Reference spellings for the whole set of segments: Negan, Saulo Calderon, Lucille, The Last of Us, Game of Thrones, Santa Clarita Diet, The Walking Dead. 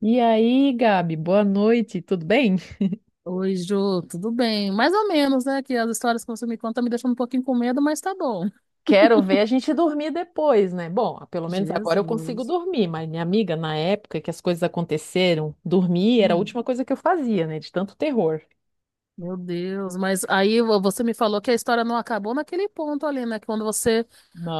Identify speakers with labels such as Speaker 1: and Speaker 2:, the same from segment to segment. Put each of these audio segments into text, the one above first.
Speaker 1: E aí, Gabi, boa noite, tudo bem?
Speaker 2: Oi, Jô, tudo bem? Mais ou menos, né? Que as histórias que você me conta me deixam um pouquinho com medo, mas tá bom.
Speaker 1: Quero ver a gente dormir depois, né? Bom, pelo menos
Speaker 2: Jesus.
Speaker 1: agora eu consigo dormir, mas minha amiga, na época que as coisas aconteceram, dormir era a
Speaker 2: Hum.
Speaker 1: última coisa que eu fazia, né? De tanto terror.
Speaker 2: Meu Deus, mas aí você me falou que a história não acabou naquele ponto ali, né? Quando você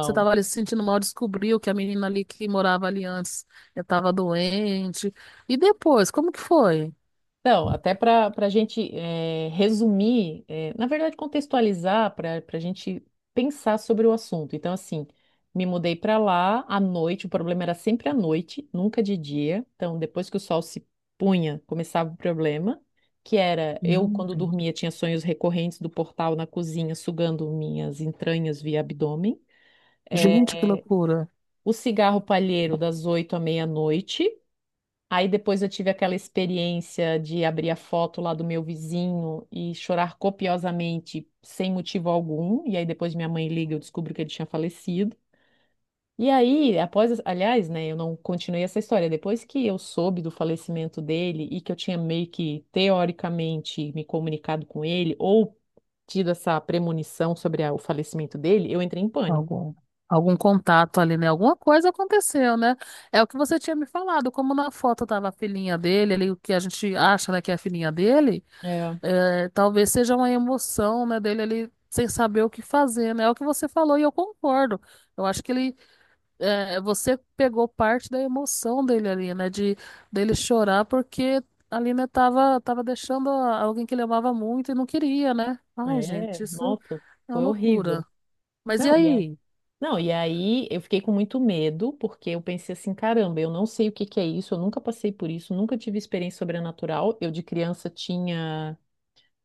Speaker 2: você estava ali se sentindo mal, descobriu que a menina ali que morava ali antes estava doente. E depois, como que foi?
Speaker 1: Então, até para a gente resumir, na verdade, contextualizar, para a gente pensar sobre o assunto. Então, assim, me mudei para lá à noite, o problema era sempre à noite, nunca de dia. Então, depois que o sol se punha, começava o problema, que era eu, quando
Speaker 2: Gente,
Speaker 1: dormia, tinha sonhos recorrentes do portal na cozinha, sugando minhas entranhas via abdômen. Eh,
Speaker 2: gente, que loucura.
Speaker 1: o cigarro palheiro das oito à meia-noite. Aí depois eu tive aquela experiência de abrir a foto lá do meu vizinho e chorar copiosamente, sem motivo algum. E aí depois minha mãe liga, eu descubro que ele tinha falecido. E aí, após, aliás, né, eu não continuei essa história. Depois que eu soube do falecimento dele e que eu tinha meio que teoricamente me comunicado com ele ou tido essa premonição sobre o falecimento dele, eu entrei em pânico.
Speaker 2: Algum, algum contato ali, né? Alguma coisa aconteceu, né? É o que você tinha me falado, como na foto tava a filhinha dele, ali, o que a gente acha, né, que é a filhinha dele,
Speaker 1: É,
Speaker 2: é, talvez seja uma emoção, né, dele ali sem saber o que fazer, né? É o que você falou e eu concordo. Eu acho que ele, é, você pegou parte da emoção dele ali, né, de dele chorar porque ali, né, tava deixando alguém que ele amava muito e não queria, né? Ai,
Speaker 1: é,
Speaker 2: gente, isso
Speaker 1: nossa,
Speaker 2: é uma
Speaker 1: foi horrível.
Speaker 2: loucura. Mas e
Speaker 1: Não, e é
Speaker 2: aí?
Speaker 1: Não, e aí eu fiquei com muito medo, porque eu pensei assim, caramba, eu não sei o que que é isso, eu nunca passei por isso, nunca tive experiência sobrenatural. Eu de criança tinha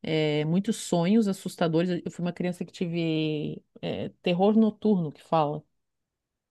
Speaker 1: muitos sonhos assustadores. Eu fui uma criança que tive terror noturno, que fala.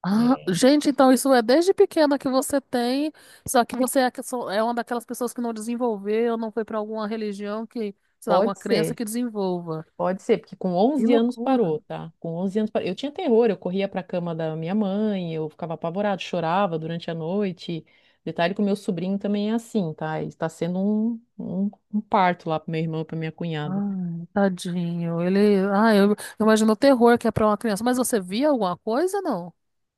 Speaker 2: Ah,
Speaker 1: Eh,
Speaker 2: gente, então isso é desde pequena que você tem, só que você é, que é uma daquelas pessoas que não desenvolveu, não foi para alguma religião que, sei lá, alguma
Speaker 1: pode
Speaker 2: crença
Speaker 1: ser.
Speaker 2: que desenvolva.
Speaker 1: Pode ser, porque com
Speaker 2: Que
Speaker 1: onze anos
Speaker 2: loucura.
Speaker 1: parou, tá? Com 11 anos parou. Eu tinha terror, eu corria para a cama da minha mãe, eu ficava apavorado, chorava durante a noite. Detalhe que o meu sobrinho também é assim, tá? Está sendo um parto lá pro meu irmão e pra minha cunhada.
Speaker 2: Ai, tadinho. Ele, ai, eu imagino o terror que é para uma criança. Mas você via alguma coisa, não?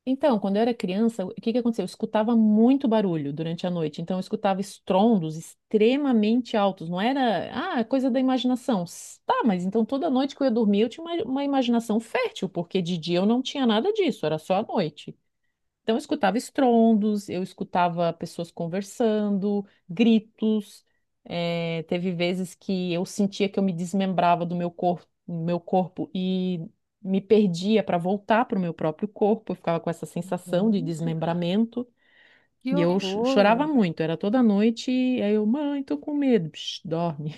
Speaker 1: Então, quando eu era criança, o que que aconteceu? Eu escutava muito barulho durante a noite, então eu escutava estrondos extremamente altos, não era, ah, é coisa da imaginação. Tá, mas então toda noite que eu ia dormir, eu tinha uma imaginação fértil, porque de dia eu não tinha nada disso, era só a noite. Então, eu escutava estrondos, eu escutava pessoas conversando, gritos. Teve vezes que eu sentia que eu me desmembrava do meu corpo, e me perdia para voltar para o meu próprio corpo. Eu ficava com essa sensação de
Speaker 2: Gente,
Speaker 1: desmembramento.
Speaker 2: que
Speaker 1: E eu chorava
Speaker 2: horror.
Speaker 1: muito, era toda noite. E aí eu, mãe, tô com medo, Psh, dorme.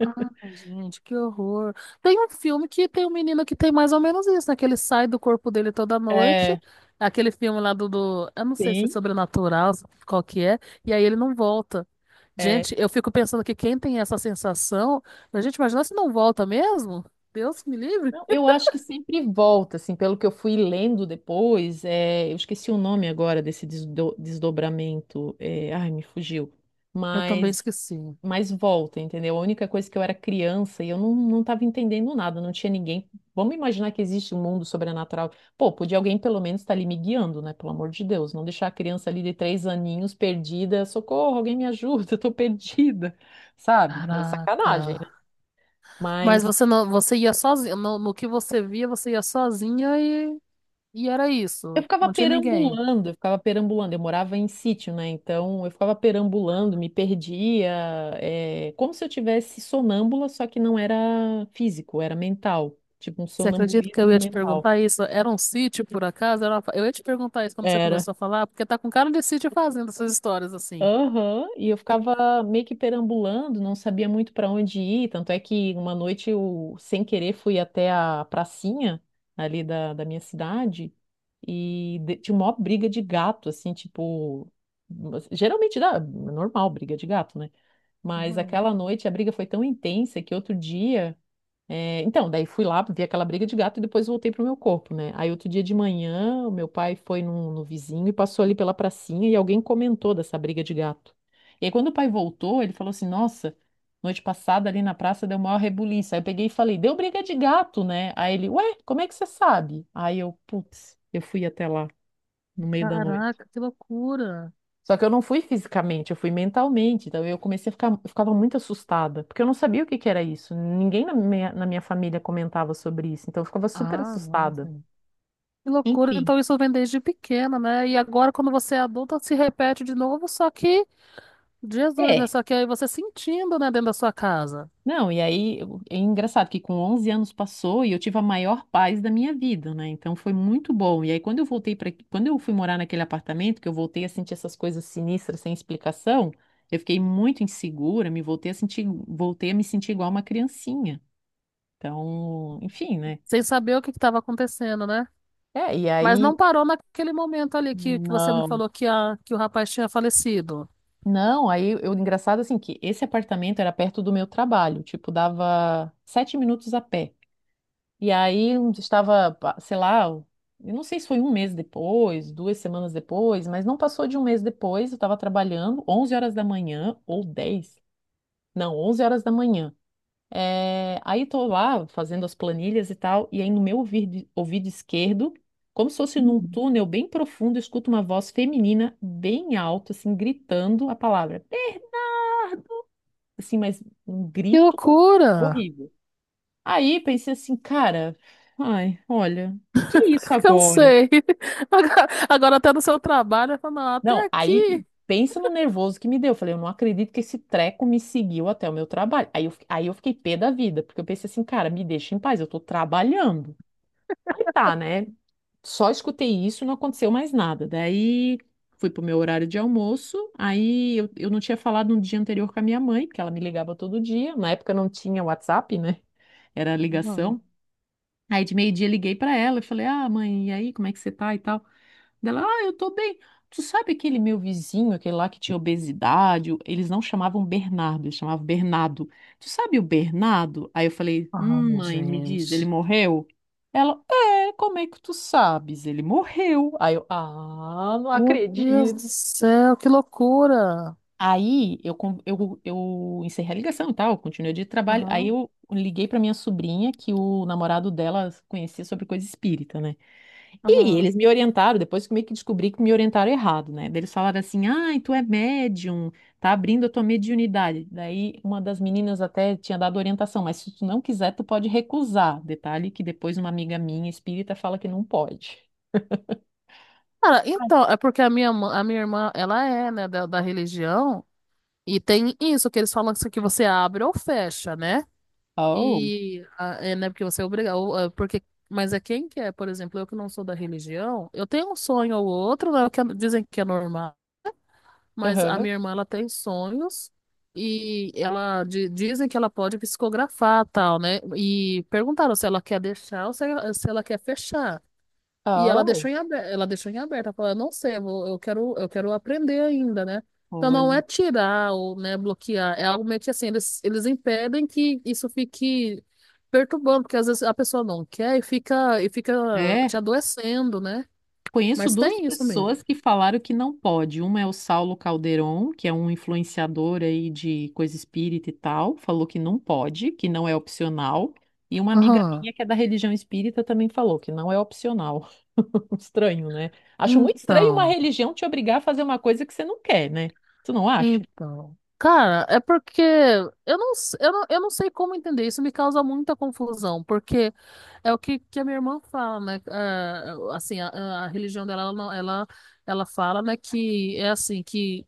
Speaker 2: Ai, gente, que horror. Tem um filme que tem um menino que tem mais ou menos isso, né? Que ele sai do corpo dele toda
Speaker 1: É,
Speaker 2: noite. Aquele filme lá eu não sei se é
Speaker 1: sim.
Speaker 2: sobrenatural, qual que é. E aí ele não volta. Gente, eu fico pensando que quem tem essa sensação... A gente imagina se não volta mesmo? Deus me livre.
Speaker 1: Não, eu acho que sempre volta, assim, pelo que eu fui lendo depois, é, eu esqueci o nome agora desse desdobramento, é, ai, me fugiu,
Speaker 2: Eu também
Speaker 1: mas,
Speaker 2: esqueci.
Speaker 1: mas volta, entendeu? A única coisa que eu era criança e eu não, não estava entendendo nada, não tinha ninguém. Vamos imaginar que existe um mundo sobrenatural. Pô, podia alguém pelo menos estar ali me guiando, né? Pelo amor de Deus, não deixar a criança ali de três aninhos perdida, socorro, alguém me ajuda, eu tô perdida, sabe? É
Speaker 2: Caraca.
Speaker 1: sacanagem, né?
Speaker 2: Mas
Speaker 1: Mas
Speaker 2: você não, você ia sozinha. No que você via, você ia sozinha e era
Speaker 1: eu
Speaker 2: isso.
Speaker 1: ficava
Speaker 2: Não tinha ninguém.
Speaker 1: perambulando, eu ficava perambulando. Eu morava em sítio, né? Então eu ficava perambulando, me perdia, é, como se eu tivesse sonâmbula, só que não era físico, era mental, tipo um
Speaker 2: Você acredita que eu
Speaker 1: sonambulismo
Speaker 2: ia te
Speaker 1: mental.
Speaker 2: perguntar isso? Era um sítio, por acaso? Eu ia te perguntar isso quando você
Speaker 1: Era.
Speaker 2: começou a falar, porque tá com cara de sítio fazendo essas histórias assim.
Speaker 1: Aham, e eu ficava meio que perambulando, não sabia muito para onde ir. Tanto é que uma noite eu, sem querer, fui até a pracinha ali da minha cidade e tinha uma briga de gato, assim, tipo. Geralmente dá, é normal briga de gato, né? Mas
Speaker 2: Uhum.
Speaker 1: aquela noite a briga foi tão intensa que outro dia. É, então, daí fui lá, vi aquela briga de gato e depois voltei pro meu corpo, né? Aí outro dia de manhã, o meu pai foi no vizinho e passou ali pela pracinha e alguém comentou dessa briga de gato. E aí quando o pai voltou, ele falou assim, nossa, noite passada ali na praça deu maior rebuliço. Aí eu peguei e falei, deu briga de gato, né? Aí ele, ué, como é que você sabe? Aí eu, putz, eu fui até lá no meio da noite.
Speaker 2: Caraca, que loucura!
Speaker 1: Só que eu não fui fisicamente, eu fui mentalmente. Então eu comecei a ficar, eu ficava muito assustada, porque eu não sabia o que que era isso. Ninguém na na minha família comentava sobre isso, então eu ficava super
Speaker 2: Ah,
Speaker 1: assustada.
Speaker 2: nossa. Que loucura,
Speaker 1: Enfim.
Speaker 2: então isso vem desde pequena, né? E agora, quando você é adulta, se repete de novo, só que, Jesus, né?
Speaker 1: É.
Speaker 2: Só que aí você sentindo, né, dentro da sua casa.
Speaker 1: Não, é engraçado que com 11 anos passou e eu tive a maior paz da minha vida, né? Então foi muito bom. E aí quando eu voltei quando eu fui morar naquele apartamento, que eu voltei a sentir essas coisas sinistras sem explicação, eu fiquei muito insegura, me voltei a sentir, voltei a me sentir igual uma criancinha. Então, enfim, né?
Speaker 2: Sem saber o que estava acontecendo, né?
Speaker 1: É, e
Speaker 2: Mas não
Speaker 1: aí,
Speaker 2: parou naquele momento ali que você me
Speaker 1: não,
Speaker 2: falou que o rapaz tinha falecido.
Speaker 1: não, aí eu, engraçado assim, que esse apartamento era perto do meu trabalho, tipo, dava sete minutos a pé. E aí eu estava, sei lá, eu não sei se foi um mês depois, duas semanas depois, mas não passou de um mês depois, eu estava trabalhando 11 horas da manhã, ou 10 não, 11 horas da manhã. É, aí tô lá fazendo as planilhas e tal, e aí no meu ouvido, ouvido esquerdo, como se fosse num túnel bem profundo, eu escuto uma voz feminina bem alto, assim, gritando a palavra. Assim, mas um
Speaker 2: Que
Speaker 1: grito
Speaker 2: loucura!
Speaker 1: horrível. Aí pensei assim, cara, ai, olha, o que que é isso agora?
Speaker 2: Cansei. Agora até no seu trabalho, falando, até
Speaker 1: Não, aí
Speaker 2: aqui.
Speaker 1: pensa no nervoso que me deu. Eu falei, eu não acredito que esse treco me seguiu até o meu trabalho. Aí eu fiquei pé da vida, porque eu pensei assim, cara, me deixa em paz, eu tô trabalhando. Aí tá, né? Só escutei isso, não aconteceu mais nada. Daí fui pro meu horário de almoço. Aí eu não tinha falado no dia anterior com a minha mãe, porque ela me ligava todo dia. Na época não tinha WhatsApp, né? Era
Speaker 2: Não.
Speaker 1: ligação. Aí de meio-dia liguei pra ela e falei: Ah, mãe, e aí, como é que você tá e tal? Dela, ah, eu tô bem. Tu sabe aquele meu vizinho, aquele lá que tinha obesidade? Eles não chamavam Bernardo, eles chamavam Bernardo. Tu sabe o Bernardo? Aí eu falei,
Speaker 2: Ai,
Speaker 1: mãe, me diz, ele
Speaker 2: gente.
Speaker 1: morreu? Ela, é, como é que tu sabes? Ele morreu. Aí eu, ah, não
Speaker 2: Meu Deus do
Speaker 1: acredito.
Speaker 2: céu, que loucura!
Speaker 1: Aí eu encerrei a ligação e tal, continuei o dia de trabalho. Aí
Speaker 2: Aham,
Speaker 1: eu liguei pra minha sobrinha, que o namorado dela conhecia sobre coisa espírita, né? E
Speaker 2: aham.
Speaker 1: eles me orientaram, depois que eu meio que descobri que me orientaram errado, né? Daí eles falaram assim: ai, tu é médium, tá abrindo a tua mediunidade. Daí uma das meninas até tinha dado orientação, mas se tu não quiser, tu pode recusar. Detalhe que depois uma amiga minha espírita fala que não pode.
Speaker 2: Cara, então, é porque a minha irmã, ela é, né, da religião. E tem isso que eles falam assim, que você abre ou fecha, né?
Speaker 1: Oh,
Speaker 2: E ah, é, né, porque você é obrigado, ou, ah, porque mas é quem quer, por exemplo, eu que não sou da religião, eu tenho um sonho ou outro, né, que é, dizem que é normal, mas a
Speaker 1: aham,
Speaker 2: minha irmã ela tem sonhos e ela dizem que ela pode psicografar tal, né? E perguntaram se ela quer deixar ou se ela quer fechar. E ela
Speaker 1: oh,
Speaker 2: deixou em aberto, ela deixou em aberto, ela falou, eu não sei, eu, eu quero, aprender ainda, né? Então não é
Speaker 1: olha.
Speaker 2: tirar ou, né, bloquear, é algo meio que assim, eles impedem que isso fique perturbando, porque às vezes a pessoa não quer e e fica
Speaker 1: É.
Speaker 2: te adoecendo, né?
Speaker 1: Conheço
Speaker 2: Mas
Speaker 1: duas
Speaker 2: tem isso mesmo.
Speaker 1: pessoas que falaram que não pode. Uma é o Saulo Calderon, que é um influenciador aí de coisa espírita e tal, falou que não pode, que não é opcional. E uma amiga
Speaker 2: Aham.
Speaker 1: minha que é da religião espírita também falou que não é opcional. Estranho, né? Acho muito estranho uma
Speaker 2: Então,
Speaker 1: religião te obrigar a fazer uma coisa que você não quer, né? Tu não acha?
Speaker 2: então. Cara, é porque eu não, s- eu não sei como entender, isso me causa muita confusão, porque é o que a minha irmã fala, né? Ah, assim, a religião dela, ela, não- ela fala, né, que é assim, que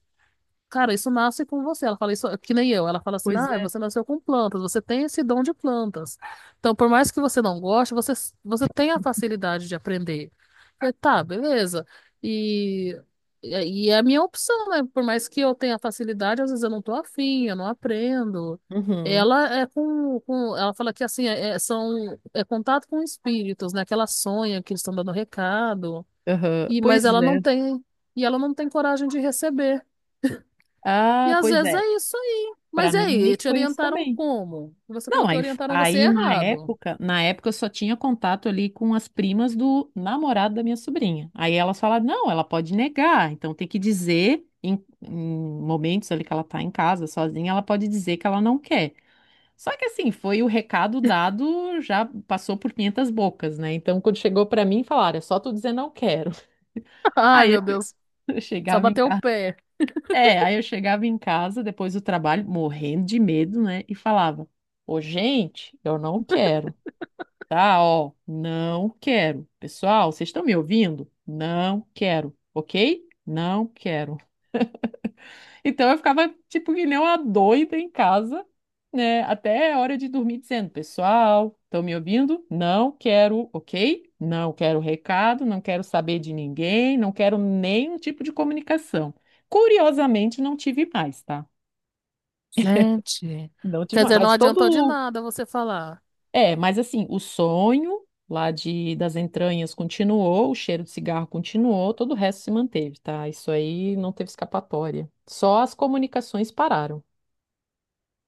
Speaker 2: cara, isso nasce com você. Ela fala isso que nem eu. Ela fala assim:
Speaker 1: Pois
Speaker 2: ah,
Speaker 1: é.
Speaker 2: você nasceu com plantas, você tem esse dom de plantas. Então, por mais que você não goste, você tem a facilidade de aprender. Eu falei, tá, beleza. E, e é a minha opção, né? Por mais que eu tenha facilidade, às vezes eu não tô afim, eu não aprendo.
Speaker 1: Uhum.
Speaker 2: Ela é com ela fala que assim, é contato com espíritos, né? Que ela sonha que eles estão dando recado.
Speaker 1: Aham.
Speaker 2: E, mas
Speaker 1: Pois
Speaker 2: ela
Speaker 1: é.
Speaker 2: não tem, e ela não tem coragem de receber. E
Speaker 1: Ah,
Speaker 2: às
Speaker 1: pois
Speaker 2: vezes
Speaker 1: é.
Speaker 2: é isso aí.
Speaker 1: Pra
Speaker 2: Mas e
Speaker 1: mim, meio
Speaker 2: aí,
Speaker 1: que
Speaker 2: te
Speaker 1: foi isso
Speaker 2: orientaram
Speaker 1: também.
Speaker 2: como? Você
Speaker 1: Não,
Speaker 2: falou que
Speaker 1: aí,
Speaker 2: orientaram você
Speaker 1: aí na
Speaker 2: errado.
Speaker 1: época, na época eu só tinha contato ali com as primas do namorado da minha sobrinha. Aí elas falaram, não, ela pode negar, então tem que dizer em momentos ali que ela tá em casa sozinha, ela pode dizer que ela não quer. Só que assim, foi o recado dado, já passou por 500 bocas, né? Então quando chegou pra mim, falaram, é só tu dizer não quero.
Speaker 2: Ai,
Speaker 1: Aí eu
Speaker 2: meu Deus,
Speaker 1: eu
Speaker 2: só
Speaker 1: chegava em
Speaker 2: bateu o
Speaker 1: casa.
Speaker 2: pé.
Speaker 1: É, aí eu chegava em casa depois do trabalho, morrendo de medo, né? E falava, ô gente, eu não quero. Tá, ó, não quero. Pessoal, vocês estão me ouvindo? Não quero, ok? Não quero. Então eu ficava tipo que nem uma doida em casa, né? Até a hora de dormir dizendo, pessoal, estão me ouvindo? Não quero, ok? Não quero recado, não quero saber de ninguém, não quero nenhum tipo de comunicação. Curiosamente, não tive mais, tá?
Speaker 2: Gente,
Speaker 1: Não tive
Speaker 2: quer
Speaker 1: mais.
Speaker 2: dizer, não adiantou de nada você falar.
Speaker 1: É, mas assim, o sonho lá das entranhas continuou, o cheiro de cigarro continuou, todo o resto se manteve, tá? Isso aí não teve escapatória. Só as comunicações pararam.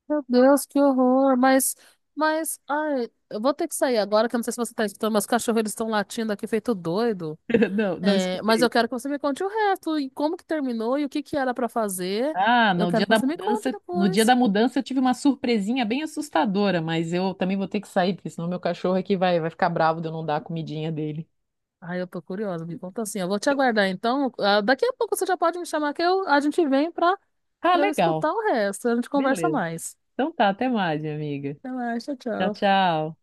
Speaker 2: Meu Deus, que horror. Mas, ai, eu vou ter que sair agora, que eu não sei se você tá escutando, mas os cachorros eles estão latindo aqui feito doido.
Speaker 1: Não, não
Speaker 2: É, mas eu
Speaker 1: escutei.
Speaker 2: quero que você me conte o resto e como que terminou e o que que era pra fazer.
Speaker 1: Ah,
Speaker 2: Eu
Speaker 1: no
Speaker 2: quero
Speaker 1: dia
Speaker 2: que
Speaker 1: da
Speaker 2: você me conte
Speaker 1: mudança, no dia
Speaker 2: depois.
Speaker 1: da mudança eu tive uma surpresinha bem assustadora, mas eu também vou ter que sair, porque senão meu cachorro aqui vai ficar bravo de eu não dar a comidinha dele.
Speaker 2: Ai, eu tô curiosa, me conta assim. Eu vou te aguardar então. Ah, daqui a pouco você já pode me chamar que eu, a gente vem
Speaker 1: Ah,
Speaker 2: pra eu
Speaker 1: legal.
Speaker 2: escutar o resto. A gente conversa
Speaker 1: Beleza.
Speaker 2: mais.
Speaker 1: Então tá, até mais, minha amiga.
Speaker 2: Até mais, tchau,
Speaker 1: Tchau,
Speaker 2: tchau.
Speaker 1: tchau.